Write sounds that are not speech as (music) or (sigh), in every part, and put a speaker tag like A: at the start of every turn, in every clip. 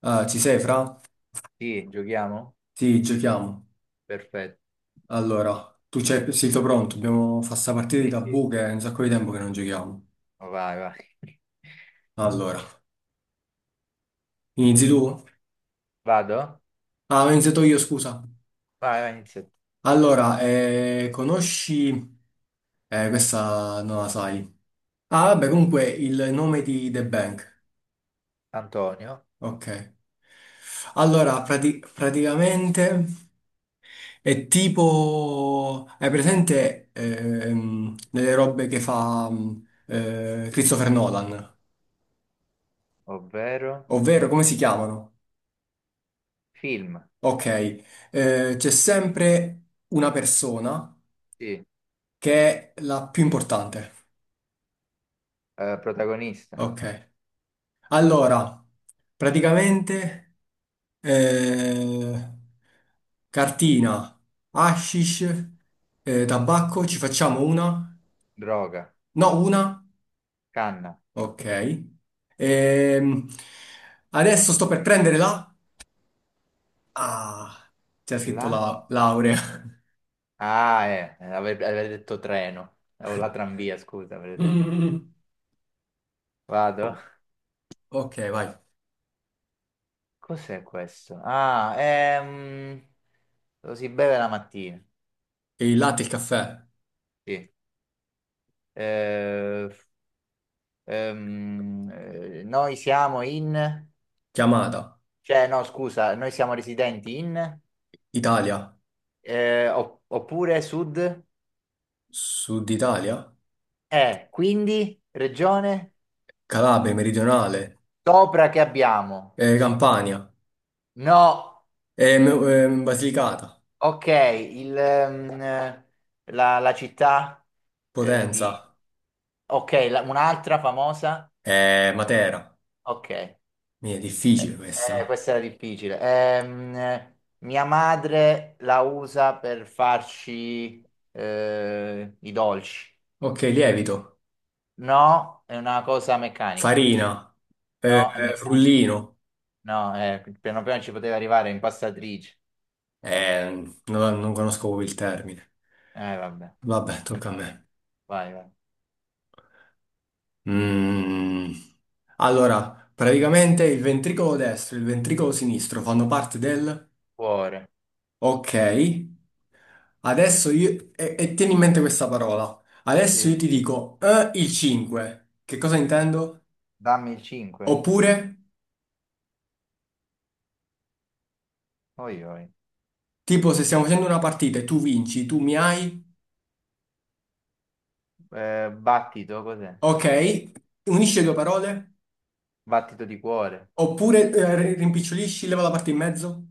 A: Ah, ci sei, Fra?
B: Sì, giochiamo?
A: Sì, giochiamo.
B: Perfetto.
A: Allora, tu c'è, sei tu pronto? Dobbiamo fare sta partita di
B: Sì, sì.
A: tabù che è un sacco di tempo che non giochiamo.
B: Vai, vai.
A: Allora, inizi tu?
B: Vado?
A: Ah, ho iniziato io, scusa.
B: Vai, vai, inizia.
A: Allora, conosci... Questa non la sai. Ah, vabbè, comunque il nome di The Bank.
B: Antonio,
A: Ok. Allora, praticamente è tipo... Hai presente nelle robe che fa Christopher Nolan?
B: ovvero
A: Ovvero, come si chiamano?
B: film.
A: Ok, c'è sempre una persona
B: Sì.
A: che è la più importante.
B: Protagonista.
A: Ok, allora, praticamente, eh, cartina, hashish, tabacco, ci facciamo una?
B: Droga.
A: No, una?
B: Canna.
A: Ok. Ehm, Adesso sto per prendere la... Ah, c'è scritto
B: La?
A: la laurea. (laughs)
B: Ah, avevo detto treno. O la tramvia, scusa, avevo detto.
A: Mm.
B: Vado?
A: Ok, vai.
B: Cos'è questo? Ah, Lo si beve la mattina.
A: E il latte e il caffè,
B: Sì. Eh, noi siamo in...
A: chiamata,
B: Cioè, no, scusa, noi siamo residenti in,
A: Italia,
B: oppure sud,
A: Sud Italia,
B: quindi regione
A: Calabria, Meridionale,
B: sopra che abbiamo.
A: Campania,
B: No,
A: Basilicata,
B: ok, la città di...
A: Potenza,
B: Ok, un'altra famosa?
A: Matera.
B: Ok,
A: Mi è difficile questa.
B: questa era difficile. Mia madre la usa per farci i dolci.
A: Ok, lievito,
B: No, è una cosa meccanica.
A: farina, eh,
B: No, è meccanica.
A: frullino.
B: No, piano piano ci poteva arrivare impastatrice.
A: Non conosco proprio il termine.
B: Vabbè.
A: Vabbè, tocca a me.
B: Vai, vai.
A: Mm. Allora, praticamente il ventricolo destro e il ventricolo sinistro fanno parte del...
B: Cuore.
A: Ok. Adesso io, e tieni in mente questa parola. Adesso io
B: Sì.
A: ti dico il 5. Che cosa intendo?
B: Dammi il 5.
A: Oppure,
B: Oi, oi.
A: tipo, se stiamo facendo una partita e tu vinci, tu mi hai,
B: Battito, cos'è?
A: ok, unisci le due parole.
B: Battito di cuore.
A: Oppure rimpicciolisci, leva la parte in mezzo.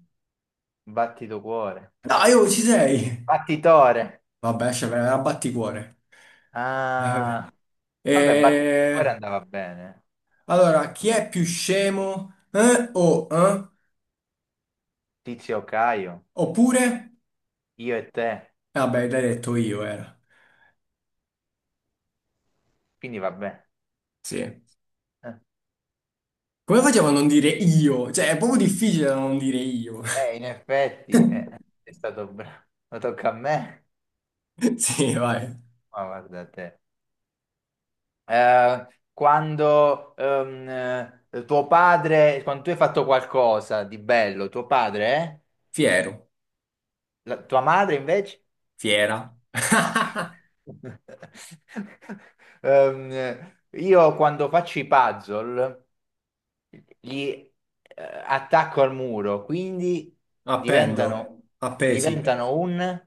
B: Battito cuore.
A: Dai, oh, ci sei!
B: Battitore.
A: Vabbè, cioè, vai, abbatticuore. Vabbè.
B: Ah. Vabbè, battito di cuore
A: Eh,
B: andava bene.
A: allora, chi è più scemo? O eh?
B: Tizio Caio.
A: Oppure,
B: Io e te.
A: vabbè, l'hai detto io, era.
B: Quindi vabbè.
A: Sì.
B: Eh,
A: Come facciamo a non dire io? Cioè, è proprio difficile da non dire io.
B: in effetti,
A: (laughs)
B: è stato bravo. Ma tocca a me.
A: Sì, vai.
B: Ma guarda te. eh, quando tuo padre, quando tu hai fatto qualcosa di bello, tuo padre, eh?
A: Fiero,
B: Tua madre invece?
A: fiera. (laughs)
B: (laughs) Io quando faccio i puzzle li attacco al muro, quindi
A: Appendo,
B: diventano,
A: appesi,
B: diventano un...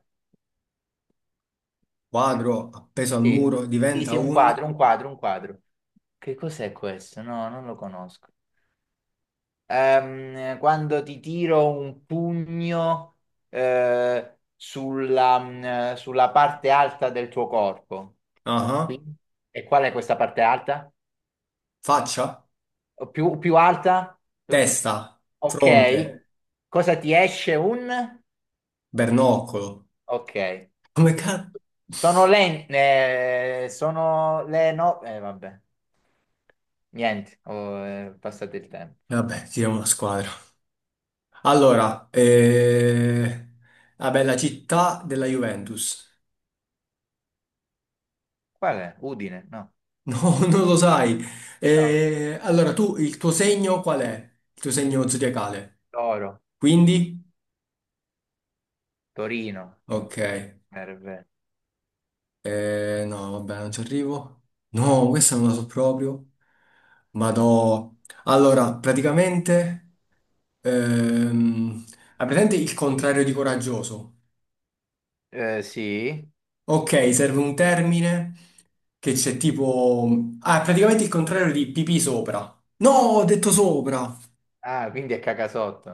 A: quadro, appeso al
B: Sì,
A: muro,
B: sì,
A: diventa
B: sì, un
A: un...
B: quadro, un quadro, un quadro. Che cos'è questo? No, non lo conosco. Quando ti tiro un pugno sulla, sulla parte alta del tuo corpo.
A: Ah,
B: Qui? E qual è questa parte alta?
A: faccia,
B: O più alta? Tu-
A: testa,
B: Ok.
A: fronte,
B: Cosa ti esce? Un?
A: bernoccolo.
B: Ok.
A: Come cazzo?
B: Sono le... sono le no... vabbè. Niente, ho passato il tempo.
A: Vabbè, siamo una squadra. Allora, vabbè, la città della Juventus.
B: Qual è? Udine? No.
A: No, (laughs) non lo sai.
B: No.
A: Allora, tu, il tuo segno qual è? Il tuo segno zodiacale?
B: Toro.
A: Quindi?
B: Torino.
A: Ok.
B: Nerve.
A: No, vabbè, non ci arrivo. No, questa non la so proprio. Ma no. Allora, praticamente... ehm, hai presente il contrario di coraggioso?
B: Sì.
A: Ok, serve un termine che c'è tipo... Ah, praticamente il contrario di pipì sopra. No, ho detto sopra.
B: Ah, quindi è cacasotto.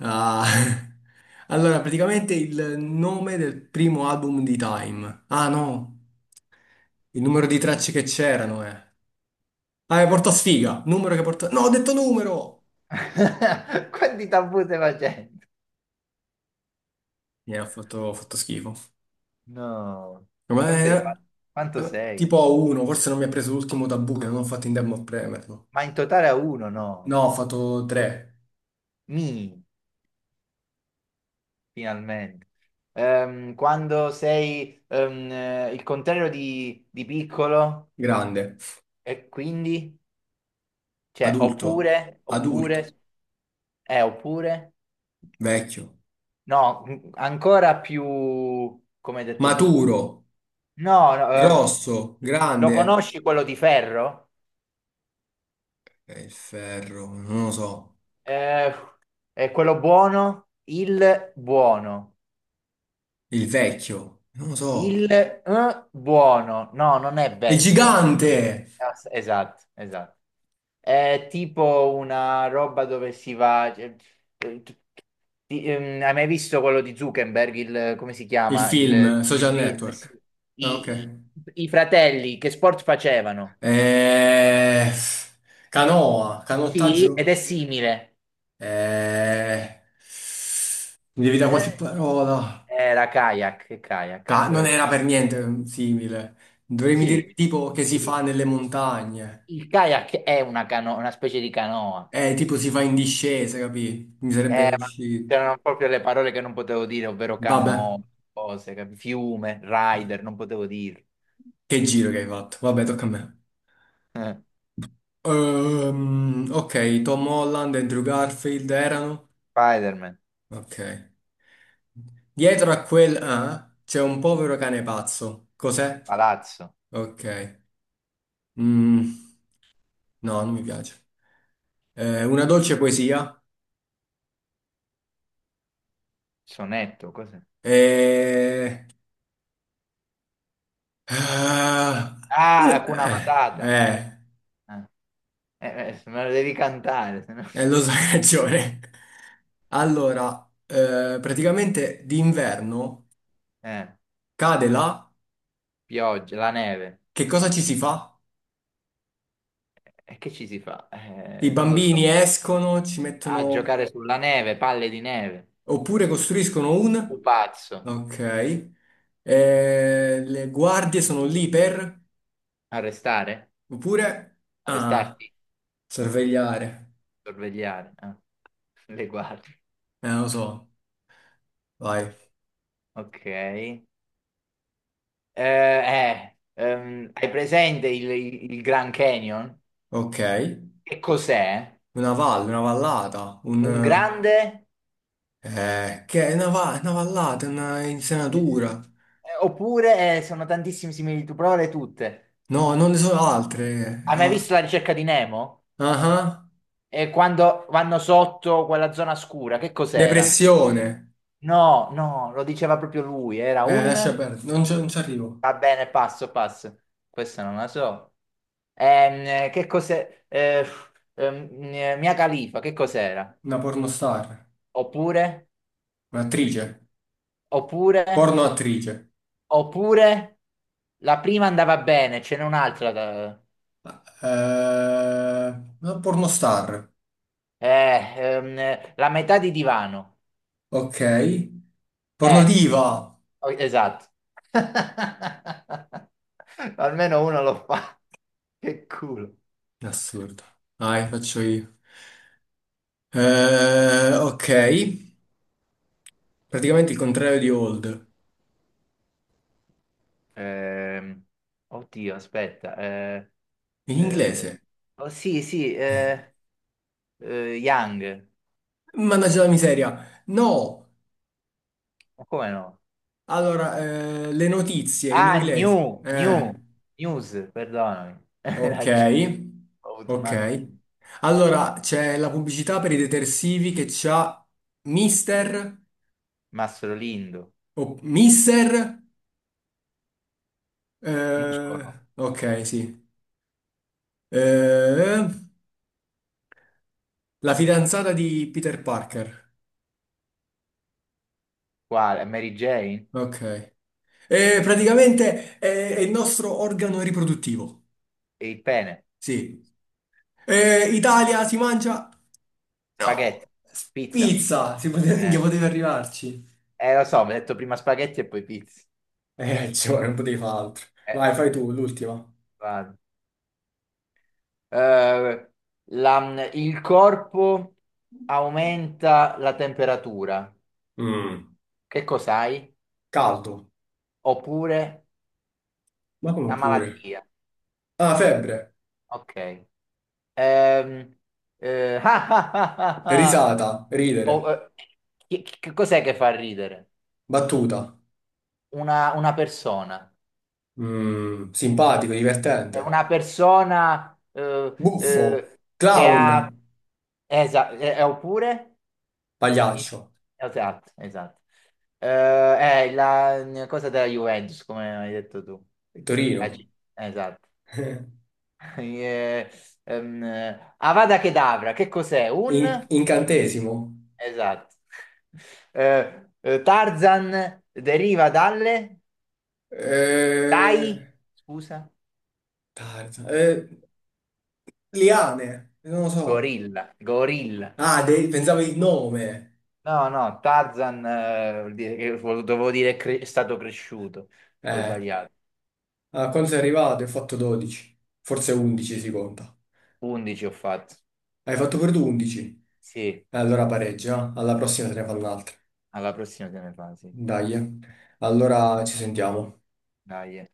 A: Ah, (laughs) allora, praticamente il nome del primo album di Time. Ah, no, il numero di tracce che c'erano, eh. Ah, porta sfiga, numero che porta... No, ho detto numero!
B: (laughs) Quanti tabù stai facendo?
A: Mi ha fatto schifo.
B: No.
A: Ma
B: Quanto hai
A: è-
B: fatto? Quanto sei?
A: tipo a uno, forse non mi ha preso l'ultimo tabù che non ho fatto in tempo a premerlo.
B: Ma in totale a uno, no.
A: No, ho fatto tre.
B: Mi, finalmente. Quando sei il contrario di piccolo
A: Grande,
B: e quindi, cioè,
A: adulto,
B: oppure,
A: adulto,
B: oppure, oppure,
A: vecchio,
B: no, ancora più, come hai detto tu.
A: maturo,
B: No, no, ehm,
A: grosso,
B: lo
A: grande.
B: conosci quello di ferro?
A: E il ferro, non lo so.
B: Eh, è quello buono? Il buono.
A: Il vecchio, non lo so.
B: Il buono. No, non è
A: È
B: vecchio.
A: gigante!
B: Esatto, esatto. È tipo una roba dove si va... cioè, eh, t- hai mai visto quello di Zuckerberg? Come si
A: Il
B: chiama? Il,
A: film,
B: il
A: Social
B: film? Sì.
A: Network. Ah,
B: I, i-
A: ok.
B: i fratelli che sport facevano?
A: Eh, Canoa,
B: Sì, ed
A: canottaggio.
B: è simile.
A: Eh, Mi devi dare qualche
B: Eh,
A: parola.
B: era kayak, kayak.
A: Non
B: Però-
A: era per niente simile. Dovremmo dire
B: Sì,
A: tipo che si
B: sì.
A: fa nelle montagne.
B: Il kayak è una specie di canoa.
A: Tipo si fa in discesa, capì? Mi sarebbe
B: Ma
A: uscito.
B: c'erano proprio le parole che non potevo dire, ovvero
A: Vabbè.
B: canoa, cose, fiume, rider, non potevo dire.
A: Che giro che hai fatto. Vabbè, tocca a me.
B: Eh,
A: Ok, Tom Holland e Andrew Garfield erano?
B: Spider-Man,
A: Ok. Dietro a quel c'è un povero cane pazzo. Cos'è?
B: palazzo,
A: Ok. Mm, no, non mi piace. Una dolce poesia.
B: sonetto, cos'è?
A: Eh, ah,
B: Ah,
A: un-
B: Hakuna
A: eh,
B: Matata.
A: eh,
B: Eh, me lo devi cantare, se no-
A: lo so, hai ragione.
B: (laughs)
A: Allora, praticamente d'inverno
B: Eh,
A: cade là.
B: pioggia, la neve.
A: Che cosa ci si fa?
B: E che ci si fa?
A: I
B: Non lo so.
A: bambini escono, ci
B: A
A: mettono
B: giocare sulla neve, palle di neve.
A: oppure costruiscono un,
B: Pupazzo.
A: ok. Le guardie sono lì per
B: Arrestare?
A: oppure ah,
B: Arrestarti? No.
A: sorvegliare.
B: Sorvegliare, eh. (laughs) Le guardie.
A: Lo so. Vai.
B: Ok. Hai presente il Grand Canyon?
A: Ok.
B: Che cos'è?
A: Una valle, una vallata, un
B: Un grande?
A: che è una vallata, una
B: Eh,
A: insenatura.
B: oppure sono tantissime similitudini, provale tutte.
A: No, non ne sono altre.
B: Hai mai
A: Ah,
B: visto la ricerca di Nemo?
A: ah.
B: E quando vanno sotto quella zona scura, che cos'era?
A: Depressione.
B: No, no, lo diceva proprio lui, era un...
A: Lascia perdere, non ci arrivo.
B: Va bene, passo, passo. Questa non la so. Che cos'è? Ehm, Mia Khalifa, che cos'era?
A: Una pornostar,
B: Oppure,
A: un'attrice.
B: oppure,
A: Porno attrice.
B: oppure, la prima andava bene, ce n'è un'altra. da-
A: Eh, Pornostar.
B: eh, ehm, la metà di divano.
A: Ok.
B: Eh,
A: Pornodiva.
B: oh, esatto. (laughs) Almeno uno lo fa. Che culo.
A: Assurdo. Dai, faccio io. Ok. Praticamente il contrario di old.
B: Ehm, oddio, aspetta.
A: In
B: Eh,
A: inglese.
B: oh, sì, sì, Young.
A: Mannaggia la miseria. No.
B: Ma come no?
A: Allora, le notizie in
B: Ah,
A: inglese.
B: news, perdonami. (laughs) Hai
A: Ok.
B: ragione. Ho avuto un
A: Ok.
B: attimo.
A: Allora, c'è la pubblicità per i detersivi che c'ha Mister
B: Mastro Lindo,
A: o Mister. Eh,
B: muscolo,
A: ok, sì. Eh, la fidanzata di Peter Parker.
B: quale? Mary Jane?
A: Ok. Praticamente è il nostro organo riproduttivo.
B: E il pene?
A: Sì. Italia si mangia? No.
B: Spaghetti? Pizza?
A: Pizza. Si poteva, minchia,
B: Eh,
A: poteva arrivarci.
B: lo so, mi hai detto prima spaghetti e poi pizza.
A: (laughs) Cioè, non potevi fare altro.
B: Eh,
A: Vai, fai tu, l'ultima.
B: vado. Eh, il corpo aumenta la temperatura.
A: Mm.
B: Che cos'hai?
A: Caldo.
B: Oppure
A: Ma come
B: una
A: pure?
B: malattia.
A: Ah, febbre.
B: Ok. Ehm, (laughs) ah, ah, ah, ah.
A: Risata.
B: Oh,
A: Ridere.
B: Che cos'è che fa ridere?
A: Battuta.
B: Una persona.
A: Simpatico,
B: È
A: divertente.
B: una persona
A: Buffo,
B: che
A: clown,
B: ha... Oppure... in-
A: pagliaccio,
B: Esatto, esatto. È la cosa della Juventus, come hai detto tu.
A: Torino,
B: Eh, ci- Esatto.
A: (laughs)
B: (laughs) Eh, Avada Kedavra, che cos'è? Un...
A: Incantesimo,
B: Esatto. Tarzan deriva dalle
A: eh,
B: dai, scusa,
A: tarza, eh, liane, non lo so.
B: gorilla, gorilla.
A: Ah, pensavo il nome.
B: No, no, Tarzan vuol dire dovevo dire è stato cresciuto. Ho
A: Eh,
B: sbagliato.
A: A quando sei arrivato? Hai fatto 12, forse 11 si conta.
B: 11 ho fatto.
A: Hai fatto per tu 11?
B: Sì,
A: Allora pareggia, alla prossima te ne fanno un'altra.
B: alla prossima te ne fa, sì.
A: Dai, eh. Allora ci sentiamo.
B: Dai. Eh.